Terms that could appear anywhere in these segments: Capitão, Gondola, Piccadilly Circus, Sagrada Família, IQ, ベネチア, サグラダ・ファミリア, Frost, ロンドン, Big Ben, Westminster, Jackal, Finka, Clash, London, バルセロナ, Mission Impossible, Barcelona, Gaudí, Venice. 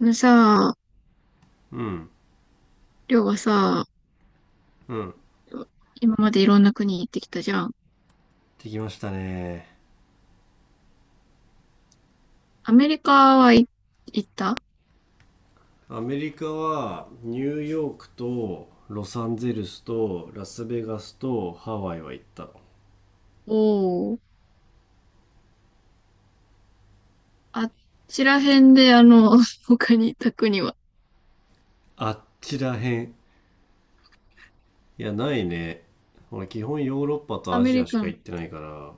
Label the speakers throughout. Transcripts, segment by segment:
Speaker 1: あのさ、
Speaker 2: うん
Speaker 1: りょうがさ、
Speaker 2: うん、
Speaker 1: 今までいろんな国行ってきたじゃん。
Speaker 2: できましたね。
Speaker 1: アメリカはい行った。
Speaker 2: アメリカはニューヨークとロサンゼルスとラスベガスとハワイは行ったの。
Speaker 1: おー。あっちら辺で、他に行った国は。
Speaker 2: あっちらへん、いやないね。俺基本ヨーロッパと
Speaker 1: ア
Speaker 2: ア
Speaker 1: メ
Speaker 2: ジア
Speaker 1: リ
Speaker 2: し
Speaker 1: カ
Speaker 2: か
Speaker 1: の。
Speaker 2: 行ってないから、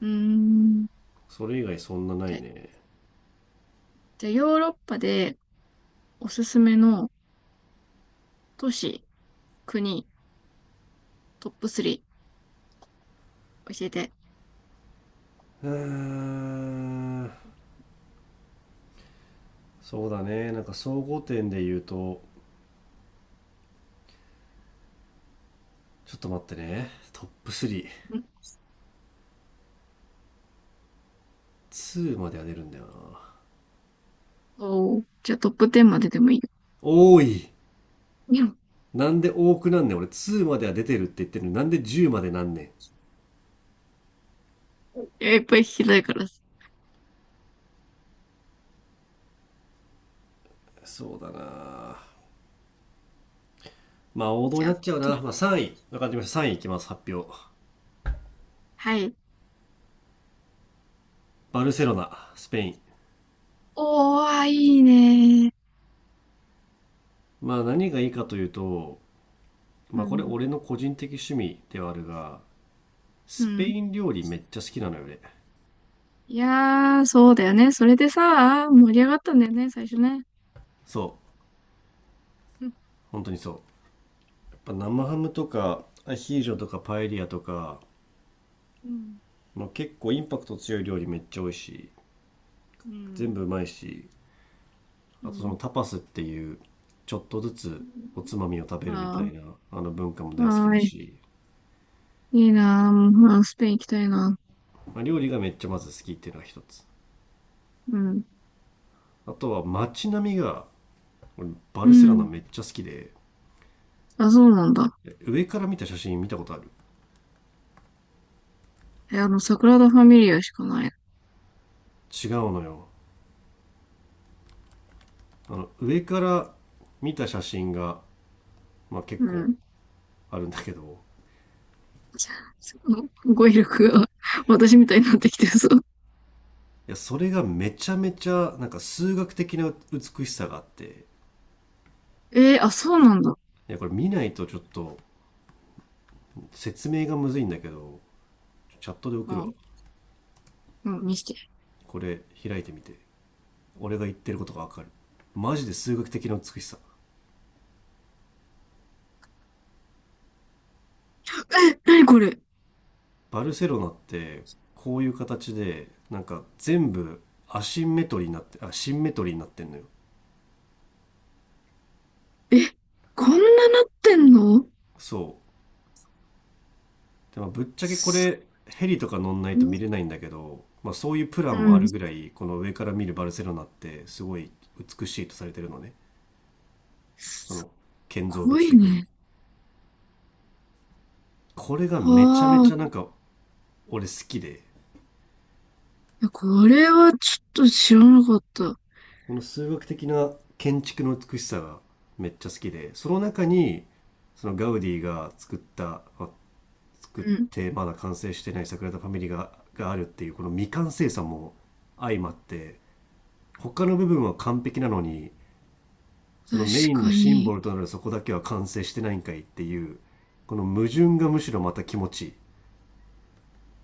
Speaker 1: うーん。
Speaker 2: それ以外そんなな
Speaker 1: じ
Speaker 2: い
Speaker 1: ゃ、
Speaker 2: ね。
Speaker 1: じゃあヨーロッパでおすすめの都市、国、トップ3教えて。
Speaker 2: うーんそうだね。なんか総合点で言うと、ちょっと待ってね。トップ
Speaker 1: ん。
Speaker 2: 32までは出るんだよな。
Speaker 1: おー。じゃあトップ10まででもいいよ。
Speaker 2: 多い。
Speaker 1: うん。
Speaker 2: なんで多くなんねん。俺2までは出てるって言ってるのになんで10までなんねん。
Speaker 1: いや、いっぱい聞きたいからさ。
Speaker 2: そうだな。まあ王道
Speaker 1: じ
Speaker 2: に
Speaker 1: ゃ
Speaker 2: な
Speaker 1: あ、
Speaker 2: っちゃう
Speaker 1: トッ
Speaker 2: な。
Speaker 1: プ、
Speaker 2: まあさんい、3位分かりました。3位いいきます。発表。
Speaker 1: はい。
Speaker 2: バルセロナ、スペイン。
Speaker 1: おー、あ、いいね。
Speaker 2: まあ何がいいかというと、
Speaker 1: う
Speaker 2: まあこれ
Speaker 1: ん。
Speaker 2: 俺の個人的趣味ではあるが、
Speaker 1: う
Speaker 2: スペ
Speaker 1: ん。
Speaker 2: イン料理めっちゃ好きなのよ俺。
Speaker 1: いやー、そうだよね。それでさ、盛り上がったんだよね、最初ね。
Speaker 2: そう、 本当にそう。やっぱ生ハムとかアヒージョとかパエリアとか、
Speaker 1: うん。いや、うん。
Speaker 2: まあ、結構インパクト強い料理めっちゃ美味しい。
Speaker 1: う
Speaker 2: 全
Speaker 1: ん。
Speaker 2: 部うまいし、
Speaker 1: う
Speaker 2: あとその
Speaker 1: ん。
Speaker 2: タパスっていうちょっとずつおつまみを食べるみた
Speaker 1: あ
Speaker 2: いなあの文化も
Speaker 1: あ、
Speaker 2: 大好き
Speaker 1: は
Speaker 2: だ
Speaker 1: ーい。
Speaker 2: し、
Speaker 1: いいなー、もう、スペイン行きたいな。
Speaker 2: まあ、料理がめっちゃまず好きっていうのが一つ。
Speaker 1: うん。
Speaker 2: あとは街並みが、俺バ
Speaker 1: う
Speaker 2: ルセロナ
Speaker 1: ん。
Speaker 2: めっちゃ好きで、
Speaker 1: あ、そうなんだ。
Speaker 2: 上から見た写真見たことある？
Speaker 1: え、サグラダ・ファミリアしかない。
Speaker 2: 違うのよ。あの上から見た写真が、まあ、結
Speaker 1: う
Speaker 2: 構
Speaker 1: ん。
Speaker 2: あるんだけど、
Speaker 1: すご語彙力が 私みたいになってきてるぞ。
Speaker 2: いやそれがめちゃめちゃなんか数学的な美しさがあって、
Speaker 1: えー、あ、そうなんだ。
Speaker 2: いやこれ見ないとちょっと説明がむずいんだけど、チャットで送る
Speaker 1: あ、
Speaker 2: わ。
Speaker 1: うん、見して。
Speaker 2: これ開いてみて。俺が言ってることがわかる。マジで数学的な美しさ。
Speaker 1: え、なにこれ。
Speaker 2: バルセロナってこういう形でなんか全部アシンメトリーになってあシンメトリーになってんのよ。
Speaker 1: え、こんななってんの。
Speaker 2: そう。でもぶっちゃけこ
Speaker 1: す
Speaker 2: れ、ヘリとか乗んない
Speaker 1: ご
Speaker 2: と
Speaker 1: い。
Speaker 2: 見れないんだけど、まあ、そういうプラン
Speaker 1: う
Speaker 2: もある
Speaker 1: ん。
Speaker 2: ぐらい、この上から見るバルセロナってすごい美しいとされてるのね、その建造
Speaker 1: 濃
Speaker 2: 物
Speaker 1: い
Speaker 2: 的に。
Speaker 1: ね。
Speaker 2: これがめちゃめ
Speaker 1: は
Speaker 2: ち
Speaker 1: あ。
Speaker 2: ゃなんか俺好きで、
Speaker 1: いや、これはちょっと知らなかった。
Speaker 2: この数学的な建築の美しさがめっちゃ好きで、その中にそのガウディが作った、まあ作っ
Speaker 1: うん。
Speaker 2: てまだ完成してないサグラダ・ファミリがあるっていうこの未完成さも相まって、他の部分は完璧なのに、そ
Speaker 1: 確
Speaker 2: のメインの
Speaker 1: か
Speaker 2: シンボ
Speaker 1: に。
Speaker 2: ルとなるそこだけは完成してないんかいっていう、この矛盾がむしろまた気持ちいい。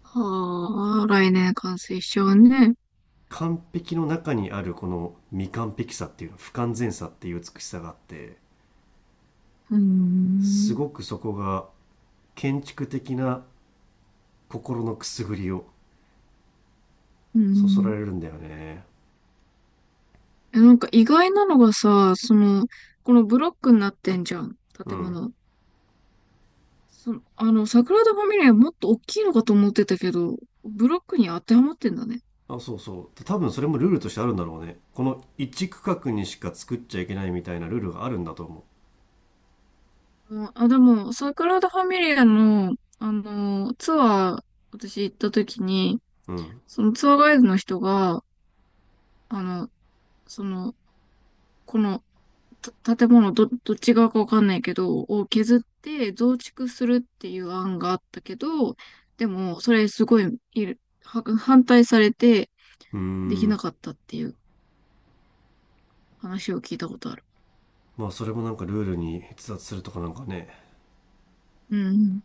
Speaker 1: はあ、来年完成しちゃうね。
Speaker 2: 完璧の中にあるこの未完璧さっていうの、不完全さっていう美しさがあって、
Speaker 1: うー
Speaker 2: す
Speaker 1: ん。
Speaker 2: ごくそこが建築的な心のくすぐりを
Speaker 1: うー
Speaker 2: そそら
Speaker 1: ん。
Speaker 2: れるんだよね。
Speaker 1: え、意外なのがさ、このブロックになってんじゃん。
Speaker 2: う
Speaker 1: 建
Speaker 2: ん。
Speaker 1: 物。桜田ファミリアもっと大きいのかと思ってたけど、ブロックに当てはまってんだね。
Speaker 2: あ、そうそう。で多分それもルールとしてあるんだろうね。この一区画にしか作っちゃいけないみたいなルールがあるんだと思
Speaker 1: うん、あ、でも、桜田ファミリアの、ツアー、私行った時に、
Speaker 2: う。うん。う
Speaker 1: そのツアーガイドの人が、あの、その、この、た建物ど、どっち側かわかんないけど、を削って増築するっていう案があったけど、でも、それすごい、いる、は反対されて
Speaker 2: ー
Speaker 1: できな
Speaker 2: ん。
Speaker 1: かったっていう話を聞いたことある。
Speaker 2: まあそれもなんかルールに逸脱するとかなんかね。
Speaker 1: うん、うん。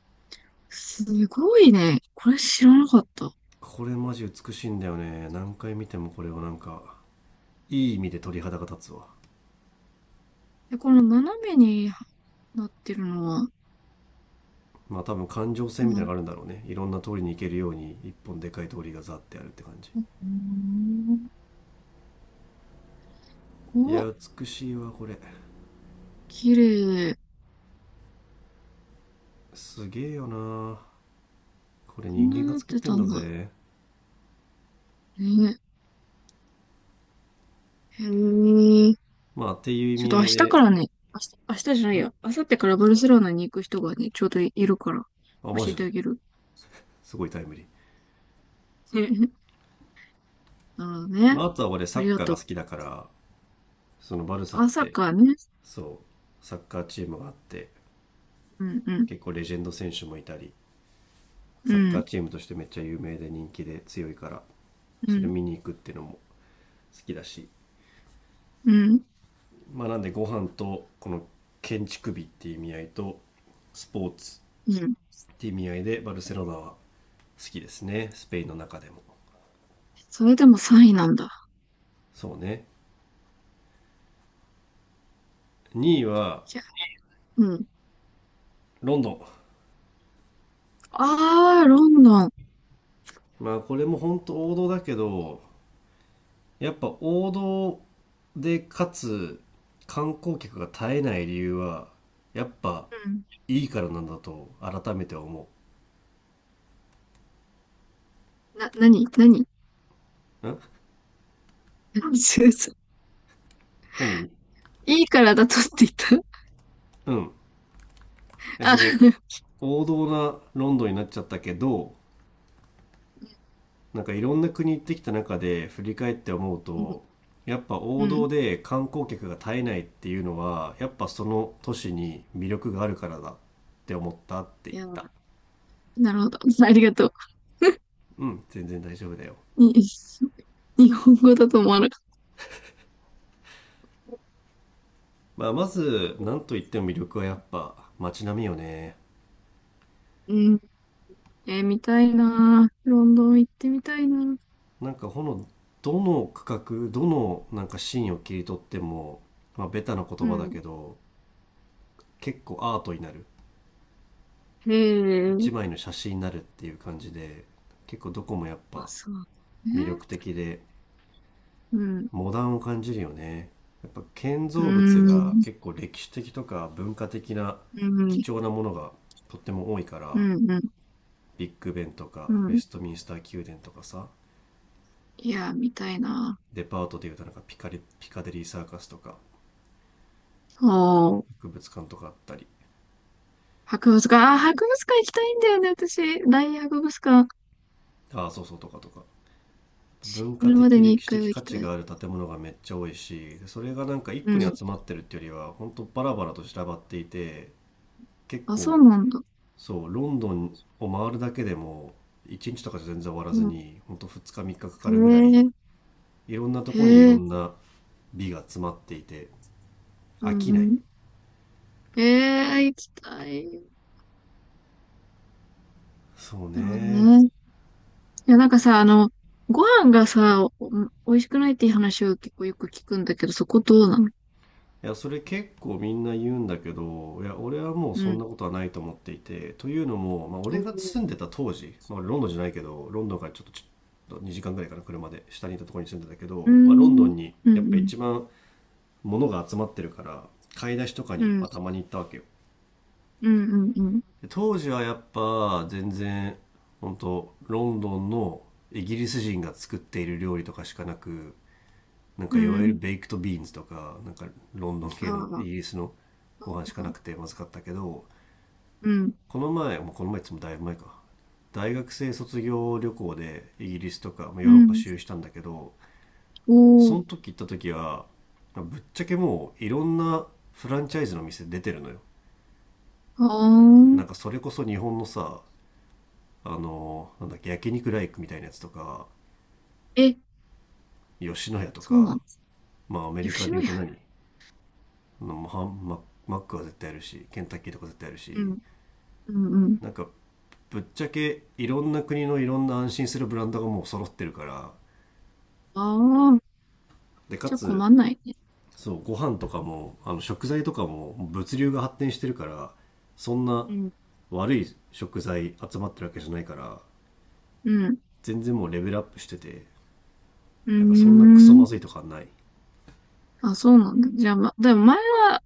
Speaker 1: すごいね。これ知らなかった。
Speaker 2: これマジ美しいんだよね。何回見てもこれをなんか、いい意味で鳥肌が立つわ。
Speaker 1: で、この斜めになってるのは、
Speaker 2: まあ多分感情
Speaker 1: う
Speaker 2: 線みたい
Speaker 1: ん。
Speaker 2: なのがあるんだろうね。いろんな通りに行けるように一本でかい通りがザってあるって感じ。
Speaker 1: うん。
Speaker 2: いや、
Speaker 1: お、
Speaker 2: 美しいわ、これ。
Speaker 1: 綺麗。
Speaker 2: すげえよな。これ
Speaker 1: こん
Speaker 2: 人
Speaker 1: な
Speaker 2: 間が
Speaker 1: なっ
Speaker 2: 作っ
Speaker 1: て
Speaker 2: てん
Speaker 1: た
Speaker 2: だ
Speaker 1: んだ。
Speaker 2: ぜ。
Speaker 1: ね。へえ。
Speaker 2: まあ、っていう意
Speaker 1: ちょっ
Speaker 2: 味
Speaker 1: と
Speaker 2: 合
Speaker 1: 明
Speaker 2: い
Speaker 1: 日か
Speaker 2: で。
Speaker 1: らね、明日、明日じゃないや、
Speaker 2: ん、
Speaker 1: 明後日からバルセロナに行く人がね、ちょうどいるから、
Speaker 2: あ、マ
Speaker 1: 教え
Speaker 2: ジ
Speaker 1: て
Speaker 2: で
Speaker 1: あげる。
Speaker 2: すごいタイムリー。
Speaker 1: え、なるほど
Speaker 2: ま
Speaker 1: ね。
Speaker 2: あ、あとは俺
Speaker 1: あ
Speaker 2: サ
Speaker 1: り
Speaker 2: ッ
Speaker 1: が
Speaker 2: カー
Speaker 1: と
Speaker 2: が好
Speaker 1: う。
Speaker 2: きだから、そのバルサっ
Speaker 1: 朝
Speaker 2: て、
Speaker 1: かね。
Speaker 2: そう、サッカーチームがあって、
Speaker 1: うん、うん、
Speaker 2: 結構レジェンド選手もいたり、
Speaker 1: う
Speaker 2: サッカー
Speaker 1: ん、
Speaker 2: チームとしてめっちゃ有名で人気で強いから、
Speaker 1: う
Speaker 2: それ
Speaker 1: ん、
Speaker 2: 見に行くっていうのも好きだし、
Speaker 1: うん、
Speaker 2: まあ、なんでご飯とこの建築美っていう意味合いと、スポーツ
Speaker 1: うん。
Speaker 2: っていう意味合いでバルセロナは好きですね。スペインの中でも。
Speaker 1: それでも3位なんだ。
Speaker 2: そうね。2位は、
Speaker 1: じゃあ、うん。
Speaker 2: ロンドン。
Speaker 1: あー、ロンドン。
Speaker 2: まあこれも本当王道だけど、やっぱ王道でかつ観光客が絶えない理由はやっぱ
Speaker 1: うん。
Speaker 2: いいからなんだと改めて思
Speaker 1: なに。
Speaker 2: う。ん？
Speaker 1: そうそう。
Speaker 2: 何？
Speaker 1: いいからだとって言った。
Speaker 2: うん。いや
Speaker 1: あ、
Speaker 2: その、王道なロンドンになっちゃったけど、なんかいろんな国行ってきた中で振り返って思う
Speaker 1: うん、
Speaker 2: と、やっぱ
Speaker 1: う
Speaker 2: 王道
Speaker 1: ん。
Speaker 2: で観光客が絶えないっていうのはやっぱその都市に魅力があるからだって思ったって言っ
Speaker 1: いや、
Speaker 2: た。
Speaker 1: なるほど。ありがとう。
Speaker 2: うん、全然大丈夫だよ。
Speaker 1: に、日本語だと思わなかっ
Speaker 2: まあ、まず
Speaker 1: た。
Speaker 2: 何といっても魅力はやっぱ街並みよね。
Speaker 1: うん。えー、見たいなー。ロンドン行ってみたいなー。
Speaker 2: なんかどの区画どのなんかシーンを切り取っても、まあ、ベタな言
Speaker 1: う
Speaker 2: 葉だ
Speaker 1: ん。
Speaker 2: けど結構アートになる、
Speaker 1: へ
Speaker 2: 一枚
Speaker 1: え。
Speaker 2: の写真になるっていう感じで、結構どこもやっ
Speaker 1: あ、
Speaker 2: ぱ
Speaker 1: そう
Speaker 2: 魅
Speaker 1: ね。
Speaker 2: 力的で
Speaker 1: うん。
Speaker 2: モダンを感じるよね。やっぱ建
Speaker 1: う
Speaker 2: 造物が
Speaker 1: ん。
Speaker 2: 結構歴史的とか文化的な
Speaker 1: う
Speaker 2: 貴
Speaker 1: ん。
Speaker 2: 重なものがとっても多いか
Speaker 1: う
Speaker 2: ら、
Speaker 1: ん。うん。
Speaker 2: ビッグベンと
Speaker 1: う
Speaker 2: かウェ
Speaker 1: ん。
Speaker 2: ストミンスター宮殿とかさ、
Speaker 1: いやー、見たいな
Speaker 2: デパートでいうとなんかピカデリーサーカスとか
Speaker 1: ー。そう。
Speaker 2: 博物館とかあったり、
Speaker 1: 博物館。あー、博物館行きたいんだよね、私。大博物館。
Speaker 2: ああ、そうそう、とかとか文
Speaker 1: い
Speaker 2: 化
Speaker 1: る
Speaker 2: 的
Speaker 1: までに
Speaker 2: 歴
Speaker 1: 一
Speaker 2: 史
Speaker 1: 回は
Speaker 2: 的
Speaker 1: 行
Speaker 2: 価
Speaker 1: き
Speaker 2: 値
Speaker 1: たい。
Speaker 2: がある建物がめっちゃ多いし、でそれがなんか一
Speaker 1: う
Speaker 2: 個に
Speaker 1: ん。
Speaker 2: 集まってるっていうよりは本当バラバラと散らばっていて、結
Speaker 1: あ、そう
Speaker 2: 構、
Speaker 1: なんだ。
Speaker 2: そうロンドンを回るだけでも1日とかじゃ全然終わら
Speaker 1: う
Speaker 2: ず
Speaker 1: ん。
Speaker 2: に本当2日3日かかか
Speaker 1: へ
Speaker 2: るぐらい、
Speaker 1: え。
Speaker 2: いろんなと
Speaker 1: へ
Speaker 2: こにいろ
Speaker 1: え。
Speaker 2: んな美が詰まっていて
Speaker 1: う
Speaker 2: 飽
Speaker 1: ん。
Speaker 2: きない。
Speaker 1: うん。へえ、行きたい。
Speaker 2: そう
Speaker 1: なるほど
Speaker 2: ね。
Speaker 1: ね。いや、さ、ご飯がさ、美味しくないっていう話を結構よく聞くんだけど、そこどうなの。
Speaker 2: いや、それ結構みんな言うんだけど、いや、俺はもう
Speaker 1: う
Speaker 2: そん
Speaker 1: ん。
Speaker 2: なことはないと思っていて、というのも、まあ、
Speaker 1: お
Speaker 2: 俺が
Speaker 1: ー。
Speaker 2: 住んでた当時、まあ、俺ロンドンじゃないけど、ロンドンからちょっと2時間ぐらいかな、車で下にいたところに住んでたけ
Speaker 1: うー
Speaker 2: ど、まあ、ロンド
Speaker 1: ん。
Speaker 2: ンに
Speaker 1: うん、
Speaker 2: やっぱ
Speaker 1: うん、
Speaker 2: 一番物が集まってるから、買い出しとか
Speaker 1: う
Speaker 2: に、
Speaker 1: ん、う
Speaker 2: ま
Speaker 1: ん、
Speaker 2: あ、たまに行ったわけよ。
Speaker 1: うん、うん。
Speaker 2: で当時はやっぱ全然、本当ロンドンのイギリス人が作っている料理とかしかなく、なん
Speaker 1: う
Speaker 2: かいわゆる
Speaker 1: ん。
Speaker 2: ベイクトビーンズとか、なんかロンドン
Speaker 1: あ
Speaker 2: 系のイ
Speaker 1: あ、
Speaker 2: ギリスのご飯しかなくてまずかったけど、
Speaker 1: うん、
Speaker 2: この前、もうこの前っつってもだいぶ前か。大学生卒業旅行でイギリスとか、まあ、ヨ
Speaker 1: う
Speaker 2: ーロッパ
Speaker 1: ん。
Speaker 2: 周遊したんだけど、そ
Speaker 1: おー、
Speaker 2: の時行った時は、まあぶっちゃけもういろんなフランチャイズの店出てるのよ。
Speaker 1: あ
Speaker 2: なんか
Speaker 1: あ。
Speaker 2: それこそ日本のさ、あの、なんだっけ、焼肉ライクみたいなやつとか、
Speaker 1: え、
Speaker 2: 吉野家と
Speaker 1: そうな
Speaker 2: か、
Speaker 1: の。
Speaker 2: まあアメリカで
Speaker 1: 吉
Speaker 2: 言
Speaker 1: 野
Speaker 2: うと
Speaker 1: 家。
Speaker 2: 何、あのハンママックは絶対あるし、ケンタッキーとか絶対ある
Speaker 1: う
Speaker 2: し、
Speaker 1: ん、うん、うん。
Speaker 2: なんかぶっちゃけいろんな国のいろんな安心するブランドがもう揃ってるから、
Speaker 1: ああ、
Speaker 2: でか
Speaker 1: じゃあ
Speaker 2: つ、
Speaker 1: 困んないね。
Speaker 2: そうご飯とかもあの食材とかも物流が発展してるから、そんな
Speaker 1: うん、
Speaker 2: 悪い食材集まってるわけじゃないから、
Speaker 1: うん、
Speaker 2: 全然もうレベルアップしてて、
Speaker 1: うー
Speaker 2: なんかそんなクソま
Speaker 1: ん。
Speaker 2: ずいとかはない。
Speaker 1: あ、そうなんだ。じゃあ、ま、でも前は、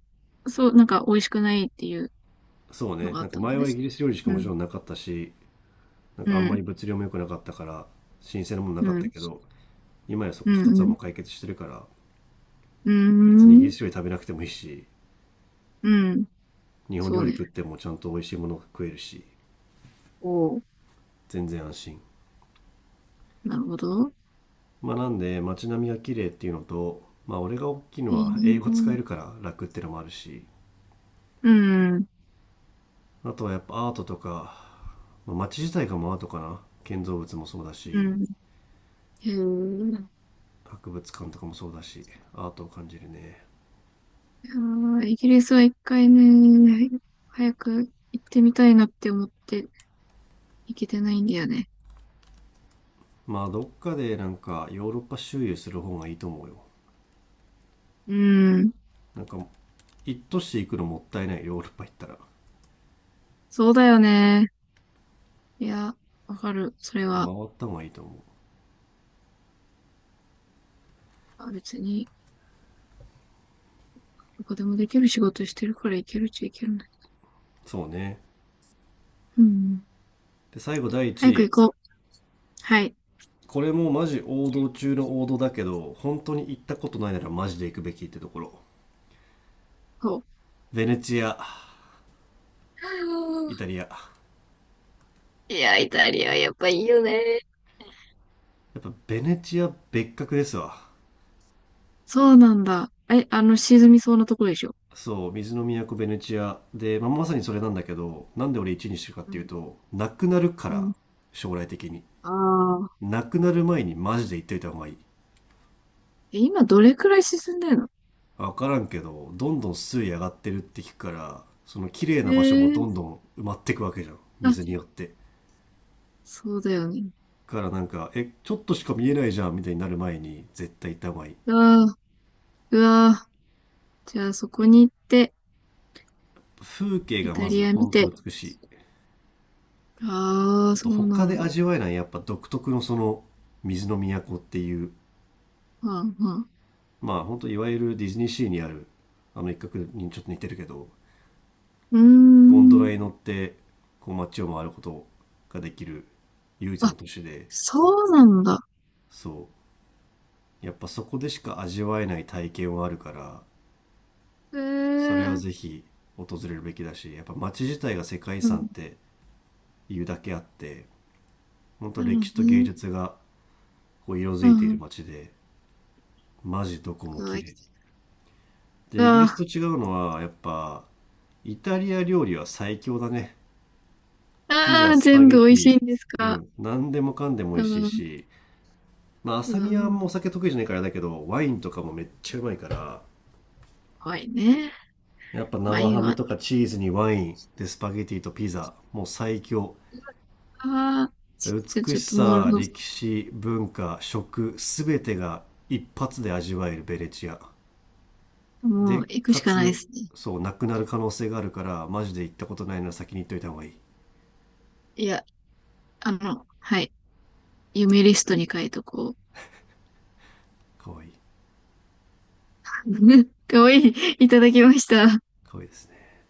Speaker 1: そう、なんか美味しくないっていう
Speaker 2: そう
Speaker 1: の
Speaker 2: ね。
Speaker 1: があ
Speaker 2: な
Speaker 1: っ
Speaker 2: んか
Speaker 1: たの
Speaker 2: 前
Speaker 1: ね。
Speaker 2: はイギリス料理しか
Speaker 1: う
Speaker 2: もち
Speaker 1: ん。
Speaker 2: ろんなかったし、なん
Speaker 1: う
Speaker 2: かあんまり
Speaker 1: ん。
Speaker 2: 物量も良くなかったから新鮮なものな
Speaker 1: う
Speaker 2: かった
Speaker 1: ん。
Speaker 2: けど、今やそ
Speaker 1: う
Speaker 2: こ2つはもう
Speaker 1: ん、
Speaker 2: 解決してるから、
Speaker 1: うん。
Speaker 2: 別にイギ
Speaker 1: う
Speaker 2: リ
Speaker 1: ーん。
Speaker 2: ス料理食べなくてもいいし、
Speaker 1: うん。
Speaker 2: 日本
Speaker 1: そ
Speaker 2: 料
Speaker 1: う
Speaker 2: 理
Speaker 1: ね。
Speaker 2: 食ってもちゃんと美味しいものが食えるし、
Speaker 1: おー。
Speaker 2: 全然安心。
Speaker 1: なるほど。
Speaker 2: まあなんで街並みが綺麗っていうのと、まあ俺が大きいの
Speaker 1: い
Speaker 2: は英
Speaker 1: い
Speaker 2: 語使え
Speaker 1: な。
Speaker 2: るから楽っていうのもあるし、
Speaker 1: うん。
Speaker 2: あとはやっぱアートとか、まあ、街自体がもアートかな、建造物もそうだ
Speaker 1: う
Speaker 2: し
Speaker 1: ん。へえ。
Speaker 2: 博物館とかもそうだし、アートを感じるね。
Speaker 1: いやーイギリスは一回ね、早く行ってみたいなって思って行けてないんだよね。
Speaker 2: まあどっかでなんかヨーロッパ周遊する方がいいと思うよ。
Speaker 1: うん。
Speaker 2: なんか一都市行くのもったいない、ヨーロッパ行ったら
Speaker 1: そうだよね。いや、わかる。それ
Speaker 2: 結
Speaker 1: は、
Speaker 2: 構回った方がいいと思う。
Speaker 1: あ、別に、どこでもできる仕事してるから行けるっちゃ行けるね。
Speaker 2: そうね。
Speaker 1: うん。
Speaker 2: で最後、第
Speaker 1: 早
Speaker 2: 1
Speaker 1: く行
Speaker 2: 位
Speaker 1: こう。はい。
Speaker 2: これもマジ王道中の王道だけど、本当に行ったことないならマジで行くべきってところ、
Speaker 1: こう。
Speaker 2: ベネチア、
Speaker 1: は
Speaker 2: イ
Speaker 1: あ。
Speaker 2: タリア。や
Speaker 1: いや、イタリアやっぱいいよね。
Speaker 2: っぱベネチア別格ですわ。
Speaker 1: そうなんだ。え、沈みそうなところでしょ。
Speaker 2: そう、水の都ベネチアで、まあ、まさにそれなんだけど、なんで俺1位にしてるかっ
Speaker 1: う
Speaker 2: ていう
Speaker 1: ん。
Speaker 2: となくなるか
Speaker 1: う
Speaker 2: ら。
Speaker 1: ん。
Speaker 2: 将来的に
Speaker 1: ああ。
Speaker 2: なくなる前にマジで行っといた方がいい。
Speaker 1: え、今どれくらい沈んでるの。
Speaker 2: 分からんけど、どんどん水位上がってるって聞くから、その綺麗
Speaker 1: え
Speaker 2: な場所も
Speaker 1: え
Speaker 2: どんど
Speaker 1: ー。
Speaker 2: ん埋まってくわけじゃん、
Speaker 1: あ、
Speaker 2: 水によって。
Speaker 1: そうだよね。
Speaker 2: からなんか、え、ちょっとしか見えないじゃんみたいになる前に絶対行った方がいい。
Speaker 1: ああ、うわー。じゃあそこに行って、
Speaker 2: 風景
Speaker 1: イ
Speaker 2: が
Speaker 1: タ
Speaker 2: まず
Speaker 1: リア見
Speaker 2: 本当
Speaker 1: て。
Speaker 2: 美しい。
Speaker 1: ああ、
Speaker 2: あと
Speaker 1: そう
Speaker 2: 他
Speaker 1: なん
Speaker 2: で
Speaker 1: だ。
Speaker 2: 味わえないやっぱ独特のその水の都っていう、
Speaker 1: はんはん。
Speaker 2: まあ本当いわゆるディズニーシーにあるあの一角にちょっと似てるけど、
Speaker 1: うー
Speaker 2: ゴンドラ
Speaker 1: ん。
Speaker 2: に乗ってこう街を回ることができる唯一
Speaker 1: あ、
Speaker 2: の都市で、
Speaker 1: そうなんだ。
Speaker 2: そう。やっぱそこでしか味わえない体験はあるから、
Speaker 1: ええ
Speaker 2: それは
Speaker 1: ー。
Speaker 2: ぜひ訪れるべきだし、やっぱ街自体が世界遺
Speaker 1: うん。
Speaker 2: 産っていうだけあって、本当
Speaker 1: なるほ
Speaker 2: 歴史
Speaker 1: ど
Speaker 2: と芸
Speaker 1: ね。
Speaker 2: 術がこう色づ
Speaker 1: う
Speaker 2: いている
Speaker 1: ん。
Speaker 2: 街で、マジどこ
Speaker 1: う
Speaker 2: も
Speaker 1: わ、
Speaker 2: 綺
Speaker 1: 行き
Speaker 2: 麗。
Speaker 1: た
Speaker 2: で、
Speaker 1: い。
Speaker 2: イギリスと
Speaker 1: あ
Speaker 2: 違うのは、やっぱ、イタリア料理は最強だね。ピザ、
Speaker 1: あー、
Speaker 2: スパ
Speaker 1: 全
Speaker 2: ゲ
Speaker 1: 部美
Speaker 2: テ
Speaker 1: 味し
Speaker 2: ィ、
Speaker 1: いんです
Speaker 2: う
Speaker 1: か。
Speaker 2: ん、何でもかんでも美
Speaker 1: う
Speaker 2: 味しい
Speaker 1: ん。
Speaker 2: し、まあ、
Speaker 1: う
Speaker 2: 浅見はもうお
Speaker 1: ん。
Speaker 2: 酒得意じゃないからあれだけど、ワインとかもめっちゃうまいから、
Speaker 1: 怖いね。
Speaker 2: やっぱ
Speaker 1: 怖
Speaker 2: 生
Speaker 1: い
Speaker 2: ハム
Speaker 1: わ。
Speaker 2: とかチーズにワイン、で、スパゲティとピザ、もう最強。
Speaker 1: ああ、
Speaker 2: で
Speaker 1: ちょ、
Speaker 2: 美
Speaker 1: ちょっ
Speaker 2: し
Speaker 1: ともう、
Speaker 2: さ、
Speaker 1: の
Speaker 2: 歴史、文化、食、すべてが一発で味わえるベネチア。
Speaker 1: もう
Speaker 2: で、
Speaker 1: 行く
Speaker 2: か
Speaker 1: しかないで
Speaker 2: つ、
Speaker 1: すね。
Speaker 2: そう、なくなる可能性があるから、マジで行ったことないなら先に行っといた方がいい。
Speaker 1: いや、あの、はい。夢リストに書いとこう。
Speaker 2: かわいい。
Speaker 1: かわいい。いただきました。
Speaker 2: かわいいですね。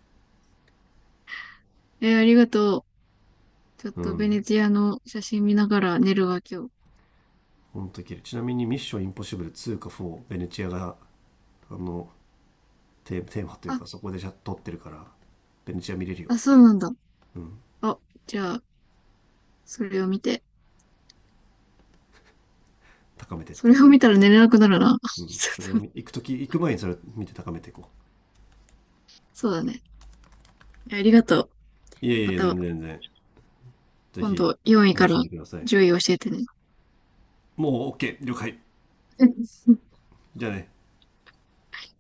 Speaker 1: えー、ありがとう。ちょっ
Speaker 2: う
Speaker 1: とベネ
Speaker 2: ん。
Speaker 1: チアの写真見ながら寝るわ、今日。
Speaker 2: ほんと綺麗。ちなみにミッションインポッシブル2か4、ベネチアが、あの、テーマという
Speaker 1: あ、
Speaker 2: かそこでじゃ撮ってるから、ベネチア見れるよ。
Speaker 1: あ、そうなんだ。
Speaker 2: うん。
Speaker 1: あ、じゃあ、それを見て。
Speaker 2: 高めてっ
Speaker 1: そ
Speaker 2: て。
Speaker 1: れを見たら寝れなくなるな。
Speaker 2: う ん。
Speaker 1: ち
Speaker 2: それを
Speaker 1: ょっと、
Speaker 2: 見行くとき、行く前にそれを見て高めていこ
Speaker 1: そうだね。いや、ありがとう。
Speaker 2: う。いえい
Speaker 1: ま
Speaker 2: え、全
Speaker 1: た、
Speaker 2: 然全然。ぜ
Speaker 1: 今
Speaker 2: ひ、
Speaker 1: 度4位
Speaker 2: 楽
Speaker 1: か
Speaker 2: しん
Speaker 1: ら
Speaker 2: でください。
Speaker 1: 10位教えてね。
Speaker 2: もう OK、了解。じゃあね。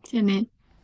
Speaker 1: じゃあね。